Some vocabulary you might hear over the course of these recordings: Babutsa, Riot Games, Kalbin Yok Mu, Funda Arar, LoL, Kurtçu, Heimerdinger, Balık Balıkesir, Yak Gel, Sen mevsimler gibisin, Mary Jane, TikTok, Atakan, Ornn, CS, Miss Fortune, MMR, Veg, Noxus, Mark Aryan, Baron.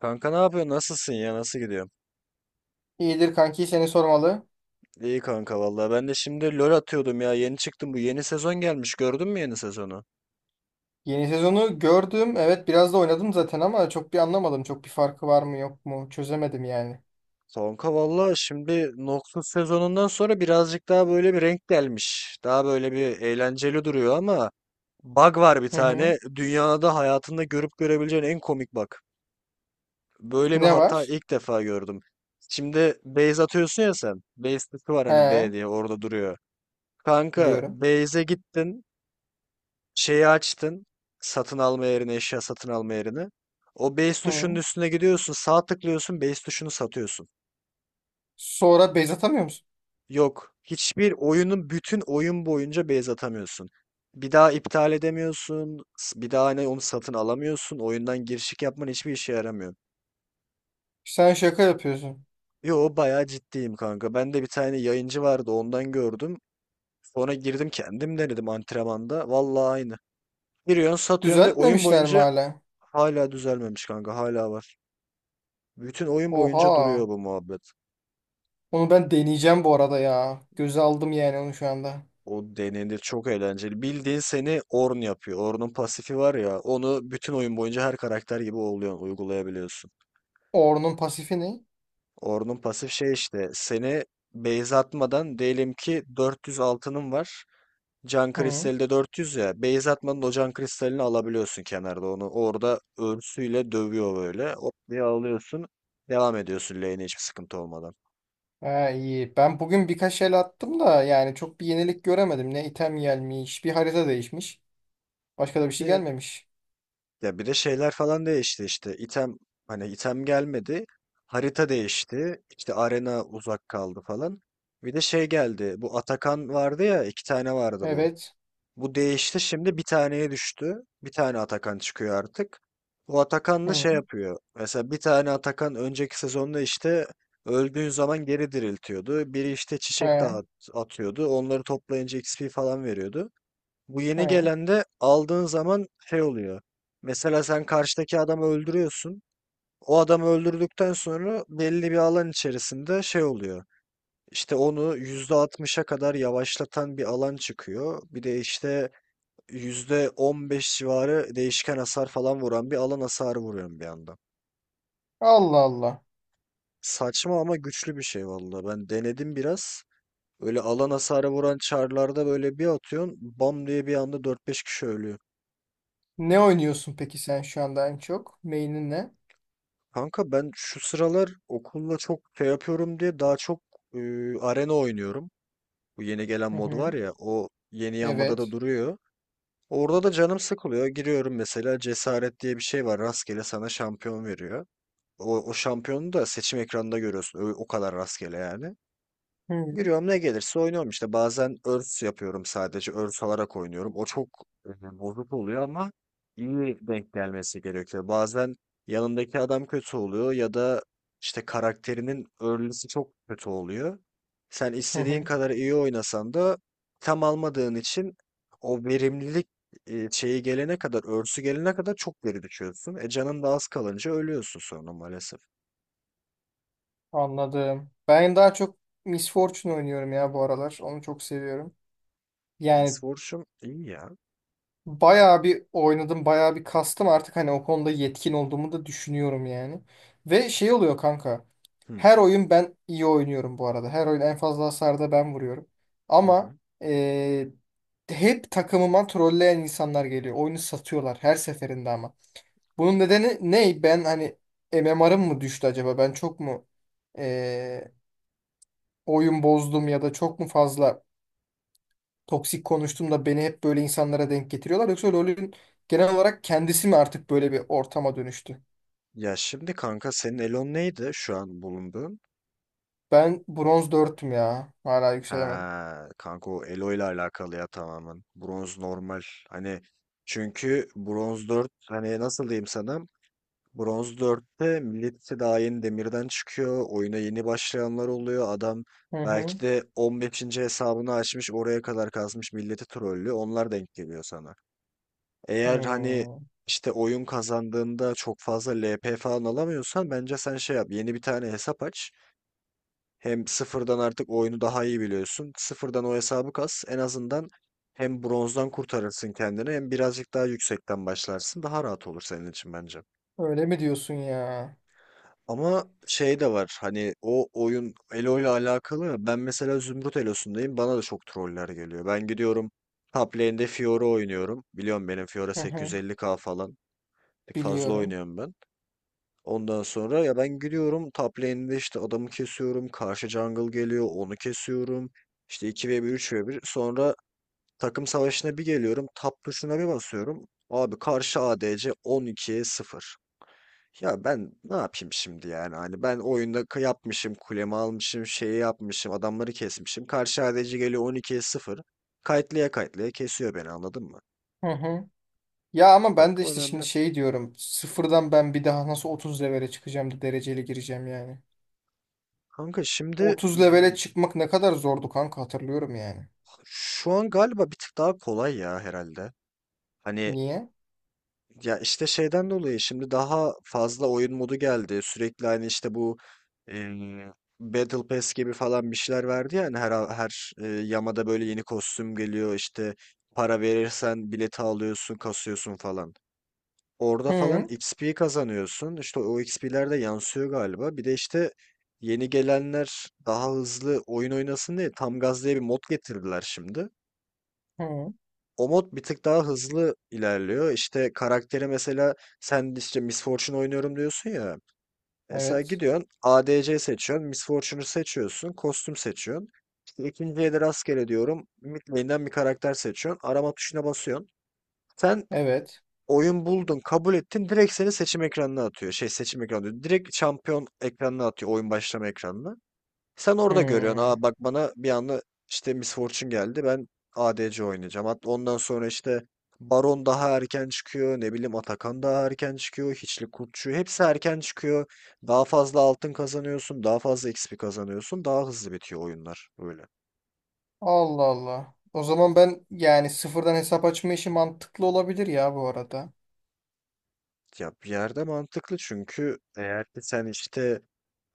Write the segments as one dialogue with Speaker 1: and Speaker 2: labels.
Speaker 1: Kanka ne yapıyorsun? Nasılsın ya? Nasıl gidiyor?
Speaker 2: İyidir kanki seni sormalı.
Speaker 1: İyi kanka vallahi. Ben de şimdi LoL atıyordum ya. Yeni çıktım. Bu yeni sezon gelmiş. Gördün mü yeni sezonu?
Speaker 2: Yeni sezonu gördüm. Evet biraz da oynadım zaten ama çok bir anlamadım. Çok bir farkı var mı yok mu? Çözemedim yani.
Speaker 1: Kanka vallahi şimdi Noxus sezonundan sonra birazcık daha böyle bir renk gelmiş. Daha böyle bir eğlenceli duruyor ama bug var bir
Speaker 2: Hı hı.
Speaker 1: tane. Dünyada hayatında görüp görebileceğin en komik bug. Böyle bir
Speaker 2: Ne
Speaker 1: hata
Speaker 2: var?
Speaker 1: ilk defa gördüm. Şimdi base atıyorsun ya sen. Base tıkı var hani
Speaker 2: He,
Speaker 1: B diye orada duruyor. Kanka
Speaker 2: biliyorum.
Speaker 1: base'e gittin. Şeyi açtın. Satın alma yerini, eşya satın alma yerini. O base tuşunun
Speaker 2: Hı.
Speaker 1: üstüne gidiyorsun, sağ tıklıyorsun, base tuşunu satıyorsun.
Speaker 2: Sonra bez atamıyor musun?
Speaker 1: Yok, hiçbir oyunun bütün oyun boyunca base atamıyorsun. Bir daha iptal edemiyorsun, bir daha hani onu satın alamıyorsun, oyundan girişik yapman hiçbir işe yaramıyor.
Speaker 2: Sen şaka yapıyorsun.
Speaker 1: Yo bayağı ciddiyim kanka. Ben de bir tane yayıncı vardı ondan gördüm. Sonra girdim kendim denedim antrenmanda. Vallahi aynı. Giriyorsun satıyorsun ve oyun
Speaker 2: Düzeltmemişler mi
Speaker 1: boyunca
Speaker 2: hala?
Speaker 1: hala düzelmemiş kanka hala var. Bütün oyun boyunca duruyor
Speaker 2: Oha.
Speaker 1: bu muhabbet.
Speaker 2: Onu ben deneyeceğim bu arada ya. Göze aldım yani onu şu anda.
Speaker 1: O denenir çok eğlenceli. Bildiğin seni Ornn yapıyor. Ornn'un pasifi var ya onu bütün oyun boyunca her karakter gibi oluyor, uygulayabiliyorsun.
Speaker 2: Ornn'un pasifi ne?
Speaker 1: Ornn'un pasif şey işte seni base atmadan diyelim ki 400 altının var. Can
Speaker 2: Hı.
Speaker 1: kristali de 400 ya. Base atmadan o can kristalini alabiliyorsun kenarda onu. Orada örsüyle dövüyor böyle. Hop diye alıyorsun. Devam ediyorsun lane'e hiçbir sıkıntı olmadan.
Speaker 2: Ha, iyi. Ben bugün birkaç el attım da yani çok bir yenilik göremedim. Ne item gelmiş, bir harita değişmiş. Başka da bir şey
Speaker 1: E,
Speaker 2: gelmemiş.
Speaker 1: Ya bir de şeyler falan değişti işte. İtem hani item gelmedi. Harita değişti. İşte arena uzak kaldı falan. Bir de şey geldi. Bu Atakan vardı ya iki tane vardı bu.
Speaker 2: Evet.
Speaker 1: Bu değişti şimdi bir taneye düştü. Bir tane Atakan çıkıyor artık. O Atakan da şey
Speaker 2: Hı.
Speaker 1: yapıyor. Mesela bir tane Atakan önceki sezonda işte öldüğün zaman geri diriltiyordu. Biri işte çiçek
Speaker 2: He.
Speaker 1: dağıt atıyordu. Onları toplayınca XP falan veriyordu. Bu yeni
Speaker 2: He.
Speaker 1: gelen de aldığın zaman şey oluyor. Mesela sen karşıdaki adamı öldürüyorsun. O adamı öldürdükten sonra belli bir alan içerisinde şey oluyor. İşte onu %60'a kadar yavaşlatan bir alan çıkıyor. Bir de işte %15 civarı değişken hasar falan vuran bir alan hasarı vuruyorum bir anda.
Speaker 2: Allah Allah.
Speaker 1: Saçma ama güçlü bir şey vallahi. Ben denedim biraz. Öyle alan hasarı vuran çarlarda böyle bir atıyorsun. Bam diye bir anda dört beş kişi ölüyor.
Speaker 2: Ne oynuyorsun peki sen şu anda en çok? Main'in ne?
Speaker 1: Kanka ben şu sıralar okulla çok şey yapıyorum diye daha çok e, arena oynuyorum. Bu yeni gelen
Speaker 2: Hı
Speaker 1: mod var
Speaker 2: hı.
Speaker 1: ya o yeni yamada da
Speaker 2: Evet.
Speaker 1: duruyor. Orada da canım sıkılıyor. Giriyorum mesela cesaret diye bir şey var. Rastgele sana şampiyon veriyor. O şampiyonu da seçim ekranında görüyorsun. O kadar rastgele yani.
Speaker 2: Hı
Speaker 1: Giriyorum ne gelirse oynuyorum işte. Bazen örs yapıyorum sadece. Örs alarak oynuyorum. O çok bozuk oluyor ama iyi denk gelmesi gerekiyor. Bazen yanındaki adam kötü oluyor ya da işte karakterinin örlüsü çok kötü oluyor. Sen
Speaker 2: hı.
Speaker 1: istediğin
Speaker 2: Hı.
Speaker 1: kadar iyi oynasan da tam almadığın için o verimlilik şeyi gelene kadar, örsü gelene kadar çok geri düşüyorsun. E canın da az kalınca ölüyorsun sonra maalesef.
Speaker 2: Anladım. Ben daha çok Miss Fortune oynuyorum ya bu aralar. Onu çok seviyorum. Yani
Speaker 1: Misfortune iyi ya.
Speaker 2: bayağı bir oynadım, bayağı bir kastım artık hani o konuda yetkin olduğumu da düşünüyorum yani. Ve şey oluyor kanka.
Speaker 1: Hı
Speaker 2: Her oyun ben iyi oynuyorum bu arada. Her oyun en fazla hasarda ben vuruyorum.
Speaker 1: hı.
Speaker 2: Ama
Speaker 1: Hı.
Speaker 2: eee, hep takımıma trolleyen insanlar geliyor. Oyunu satıyorlar her seferinde ama. Bunun nedeni ne? Ben hani MMR'ım mı düştü acaba? Ben çok mu eee, oyun bozdum ya da çok mu fazla toksik konuştum da beni hep böyle insanlara denk getiriyorlar. Yoksa LoL'ün genel olarak kendisi mi artık böyle bir ortama dönüştü?
Speaker 1: Ya şimdi kanka senin Elon neydi şu an bulunduğun?
Speaker 2: Ben bronz 4'tüm ya. Hala yükselemedim.
Speaker 1: Ha kanka o Elo ile alakalı ya tamamen. Bronz normal. Hani çünkü Bronz 4 hani nasıl diyeyim sana? Bronz dörtte millet daha yeni demirden çıkıyor. Oyuna yeni başlayanlar oluyor. Adam
Speaker 2: Hı hı.
Speaker 1: belki de 15. hesabını açmış oraya kadar kazmış milleti trollü. Onlar denk geliyor sana. Eğer hani
Speaker 2: Hmm.
Speaker 1: işte oyun kazandığında çok fazla LP falan alamıyorsan bence sen şey yap. Yeni bir tane hesap aç. Hem sıfırdan artık oyunu daha iyi biliyorsun. Sıfırdan o hesabı kas. En azından hem bronzdan kurtarırsın kendini hem birazcık daha yüksekten başlarsın. Daha rahat olur senin için bence.
Speaker 2: Öyle mi diyorsun ya?
Speaker 1: Ama şey de var hani o oyun Elo ile alakalı ben mesela Zümrüt Elo'sundayım bana da çok troller geliyor. Ben gidiyorum top lane'de Fiora oynuyorum. Biliyorum benim Fiora
Speaker 2: Hı hı.
Speaker 1: 850k falan fazla
Speaker 2: Biliyorum.
Speaker 1: oynuyorum ben. Ondan sonra ya ben gidiyorum top lane'de işte adamı kesiyorum. Karşı jungle geliyor onu kesiyorum. İşte iki ve bir, üç ve bir. Sonra takım savaşına bir geliyorum. Tab tuşuna bir basıyorum. Abi karşı ADC 12'ye sıfır. Ya ben ne yapayım şimdi yani hani ben oyunda yapmışım kulemi almışım şeyi yapmışım adamları kesmişim. Karşı ADC geliyor 12'ye sıfır. Kayıtlaya kayıtlaya kesiyor beni anladın mı?
Speaker 2: Hı hı. Ya ama ben de
Speaker 1: Hakkı
Speaker 2: işte şimdi
Speaker 1: önemli.
Speaker 2: şey diyorum. Sıfırdan ben bir daha nasıl 30 levele çıkacağım da dereceli gireceğim yani.
Speaker 1: Kanka şimdi
Speaker 2: 30 levele çıkmak ne kadar zordu kanka hatırlıyorum yani.
Speaker 1: şu an galiba bir tık daha kolay ya herhalde. Hani
Speaker 2: Niye?
Speaker 1: ya işte şeyden dolayı şimdi daha fazla oyun modu geldi. Sürekli hani işte bu eee, Battle Pass gibi falan bir şeyler verdi yani her her yamada böyle yeni kostüm geliyor işte para verirsen bileti alıyorsun, kasıyorsun falan. Orada falan
Speaker 2: Hı
Speaker 1: XP kazanıyorsun. İşte o XP'ler de yansıyor galiba. Bir de işte yeni gelenler daha hızlı oyun oynasın diye tam gaz diye bir mod getirdiler şimdi.
Speaker 2: hı.
Speaker 1: O mod bir tık daha hızlı ilerliyor. İşte karakteri mesela sen işte Miss Fortune oynuyorum diyorsun ya. Mesela
Speaker 2: Evet.
Speaker 1: gidiyorsun ADC seçiyorsun. Miss Fortune'u seçiyorsun. Kostüm seçiyorsun. İşte ikinciye de rastgele diyorum. Mid lane'den bir karakter seçiyorsun. Arama tuşuna basıyorsun. Sen
Speaker 2: Evet.
Speaker 1: oyun buldun, kabul ettin. Direkt seni seçim ekranına atıyor. Şey seçim ekranı diyor. Direkt şampiyon ekranına atıyor. Oyun başlama ekranına. Sen orada görüyorsun.
Speaker 2: Hı.
Speaker 1: Aa bak bana bir anda işte Miss Fortune geldi. Ben ADC oynayacağım. Hatta ondan sonra işte Baron daha erken çıkıyor. Ne bileyim Atakan daha erken çıkıyor. Hiçli Kurtçu hepsi erken çıkıyor. Daha fazla altın kazanıyorsun. Daha fazla XP kazanıyorsun. Daha hızlı bitiyor oyunlar. Böyle.
Speaker 2: Allah Allah. O zaman ben yani sıfırdan hesap açma işi mantıklı olabilir ya bu arada.
Speaker 1: Ya bir yerde mantıklı çünkü eğer ki sen işte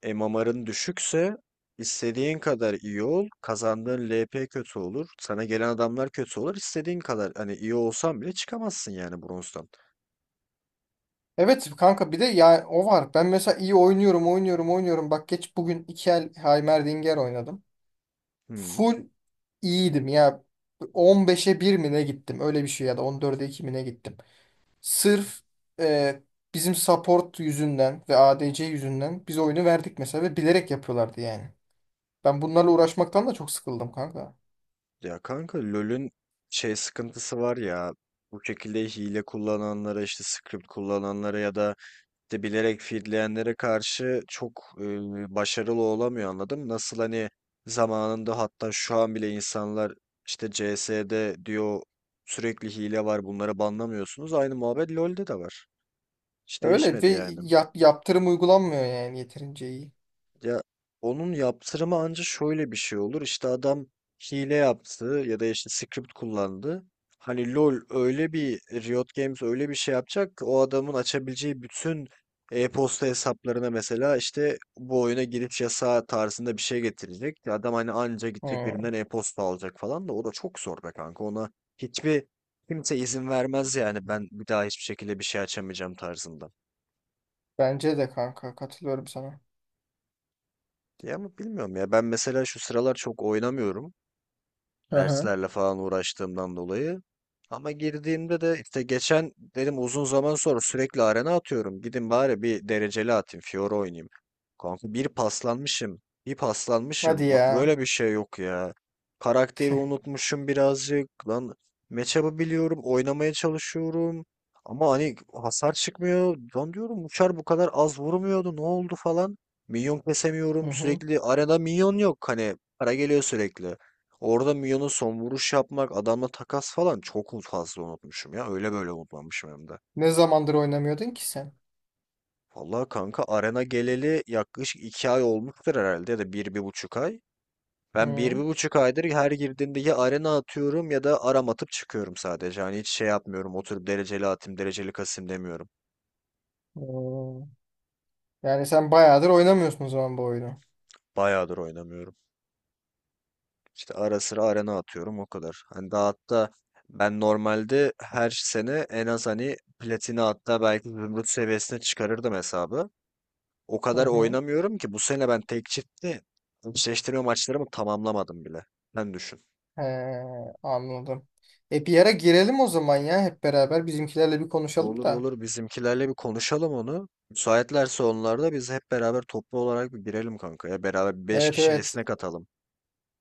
Speaker 1: MMR'ın düşükse istediğin kadar iyi ol. Kazandığın LP kötü olur. Sana gelen adamlar kötü olur. İstediğin kadar hani iyi olsan bile çıkamazsın yani bronzdan.
Speaker 2: Evet kanka bir de ya o var. Ben mesela iyi oynuyorum oynuyorum oynuyorum. Bak geç bugün iki el Heimerdinger oynadım.
Speaker 1: Hmm.
Speaker 2: Full iyiydim ya. 15'e bir mi ne gittim öyle bir şey ya da 14'e 2 mi ne gittim. Sırf e, bizim support yüzünden ve ADC yüzünden biz oyunu verdik mesela ve bilerek yapıyorlardı yani. Ben bunlarla uğraşmaktan da çok sıkıldım kanka.
Speaker 1: Ya kanka LoL'ün şey sıkıntısı var ya. Bu şekilde hile kullananlara işte script kullananlara ya da de bilerek feedleyenlere karşı çok başarılı olamıyor anladım. Nasıl hani zamanında hatta şu an bile insanlar işte CS'de diyor sürekli hile var bunları banlamıyorsunuz. Aynı muhabbet LoL'de de var. Hiç
Speaker 2: Öyle ve
Speaker 1: değişmedi yani.
Speaker 2: yaptırım uygulanmıyor yani yeterince iyi.
Speaker 1: Ya onun yaptırımı anca şöyle bir şey olur. İşte adam hile yaptı ya da işte script kullandı. Hani LoL öyle bir Riot Games öyle bir şey yapacak ki o adamın açabileceği bütün e-posta hesaplarına mesela işte bu oyuna giriş yasağı tarzında bir şey getirecek. Ya adam hani anca gidecek
Speaker 2: Hı.
Speaker 1: birinden e-posta alacak falan da o da çok zor be kanka. Ona hiçbir kimse izin vermez yani ben bir daha hiçbir şekilde bir şey açamayacağım tarzında.
Speaker 2: Bence de kanka katılıyorum sana.
Speaker 1: Ya ama bilmiyorum ya ben mesela şu sıralar çok oynamıyorum.
Speaker 2: Hı hı.
Speaker 1: Derslerle falan uğraştığımdan dolayı. Ama girdiğimde de işte geçen dedim uzun zaman sonra sürekli arena atıyorum. Gidin bari bir dereceli atayım. Fiora oynayayım. Kanka bir paslanmışım. Bir
Speaker 2: Hadi
Speaker 1: paslanmışım. Bak
Speaker 2: ya.
Speaker 1: böyle bir şey yok ya. Karakteri unutmuşum birazcık. Lan matchup'ı biliyorum. Oynamaya çalışıyorum. Ama hani hasar çıkmıyor. Lan diyorum uçar bu kadar az vurmuyordu. Ne oldu falan. Minyon
Speaker 2: Hı
Speaker 1: kesemiyorum.
Speaker 2: hı.
Speaker 1: Sürekli arada minyon yok. Hani para geliyor sürekli. Orada Mion'un son vuruş yapmak, adamla takas falan çok fazla unutmuşum ya. Öyle böyle unutmamışım hem de.
Speaker 2: Ne zamandır oynamıyordun ki sen?
Speaker 1: Vallahi kanka arena geleli yaklaşık 2 ay olmuştur herhalde ya da bir bir buçuk ay. Ben bir
Speaker 2: Hı.
Speaker 1: bir buçuk aydır her girdiğimde ya arena atıyorum ya da aram atıp çıkıyorum sadece. Hani hiç şey yapmıyorum oturup dereceli atayım dereceli kasayım demiyorum.
Speaker 2: Oo. Yani sen bayağıdır oynamıyorsun o zaman bu oyunu.
Speaker 1: Bayağıdır oynamıyorum. İşte ara sıra arena atıyorum o kadar. Hani daha hatta ben normalde her sene en az hani platini hatta belki zümrüt seviyesine çıkarırdım hesabı. O
Speaker 2: Hı
Speaker 1: kadar
Speaker 2: hı.
Speaker 1: oynamıyorum ki bu sene ben tek çiftte eşleştirme maçlarımı tamamlamadım bile. Sen düşün.
Speaker 2: He, anladım. E bir ara girelim o zaman ya hep beraber bizimkilerle bir konuşalım
Speaker 1: Olur
Speaker 2: da.
Speaker 1: olur bizimkilerle bir konuşalım onu. Müsaitlerse onlarda biz hep beraber toplu olarak bir girelim kanka ya. Beraber beş
Speaker 2: Evet
Speaker 1: kişi
Speaker 2: evet
Speaker 1: esnek atalım.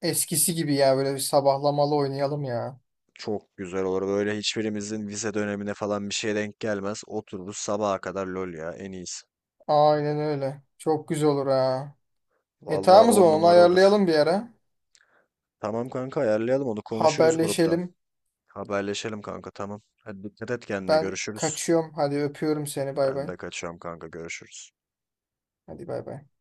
Speaker 2: eskisi gibi ya böyle bir sabahlamalı oynayalım ya.
Speaker 1: Çok güzel olur. Böyle hiçbirimizin vize dönemine falan bir şeye denk gelmez. Otururuz sabaha kadar lol ya en iyisi.
Speaker 2: Aynen öyle. Çok güzel olur ha. E
Speaker 1: Vallahi
Speaker 2: tamam o
Speaker 1: 10
Speaker 2: zaman onu
Speaker 1: numara olur.
Speaker 2: ayarlayalım bir ara.
Speaker 1: Tamam kanka ayarlayalım onu konuşuruz gruptan.
Speaker 2: Haberleşelim.
Speaker 1: Haberleşelim kanka tamam. Hadi dikkat et kendine
Speaker 2: Ben
Speaker 1: görüşürüz.
Speaker 2: kaçıyorum. Hadi öpüyorum seni. Bay
Speaker 1: Ben
Speaker 2: bay.
Speaker 1: de kaçıyorum kanka görüşürüz.
Speaker 2: Hadi bay bay.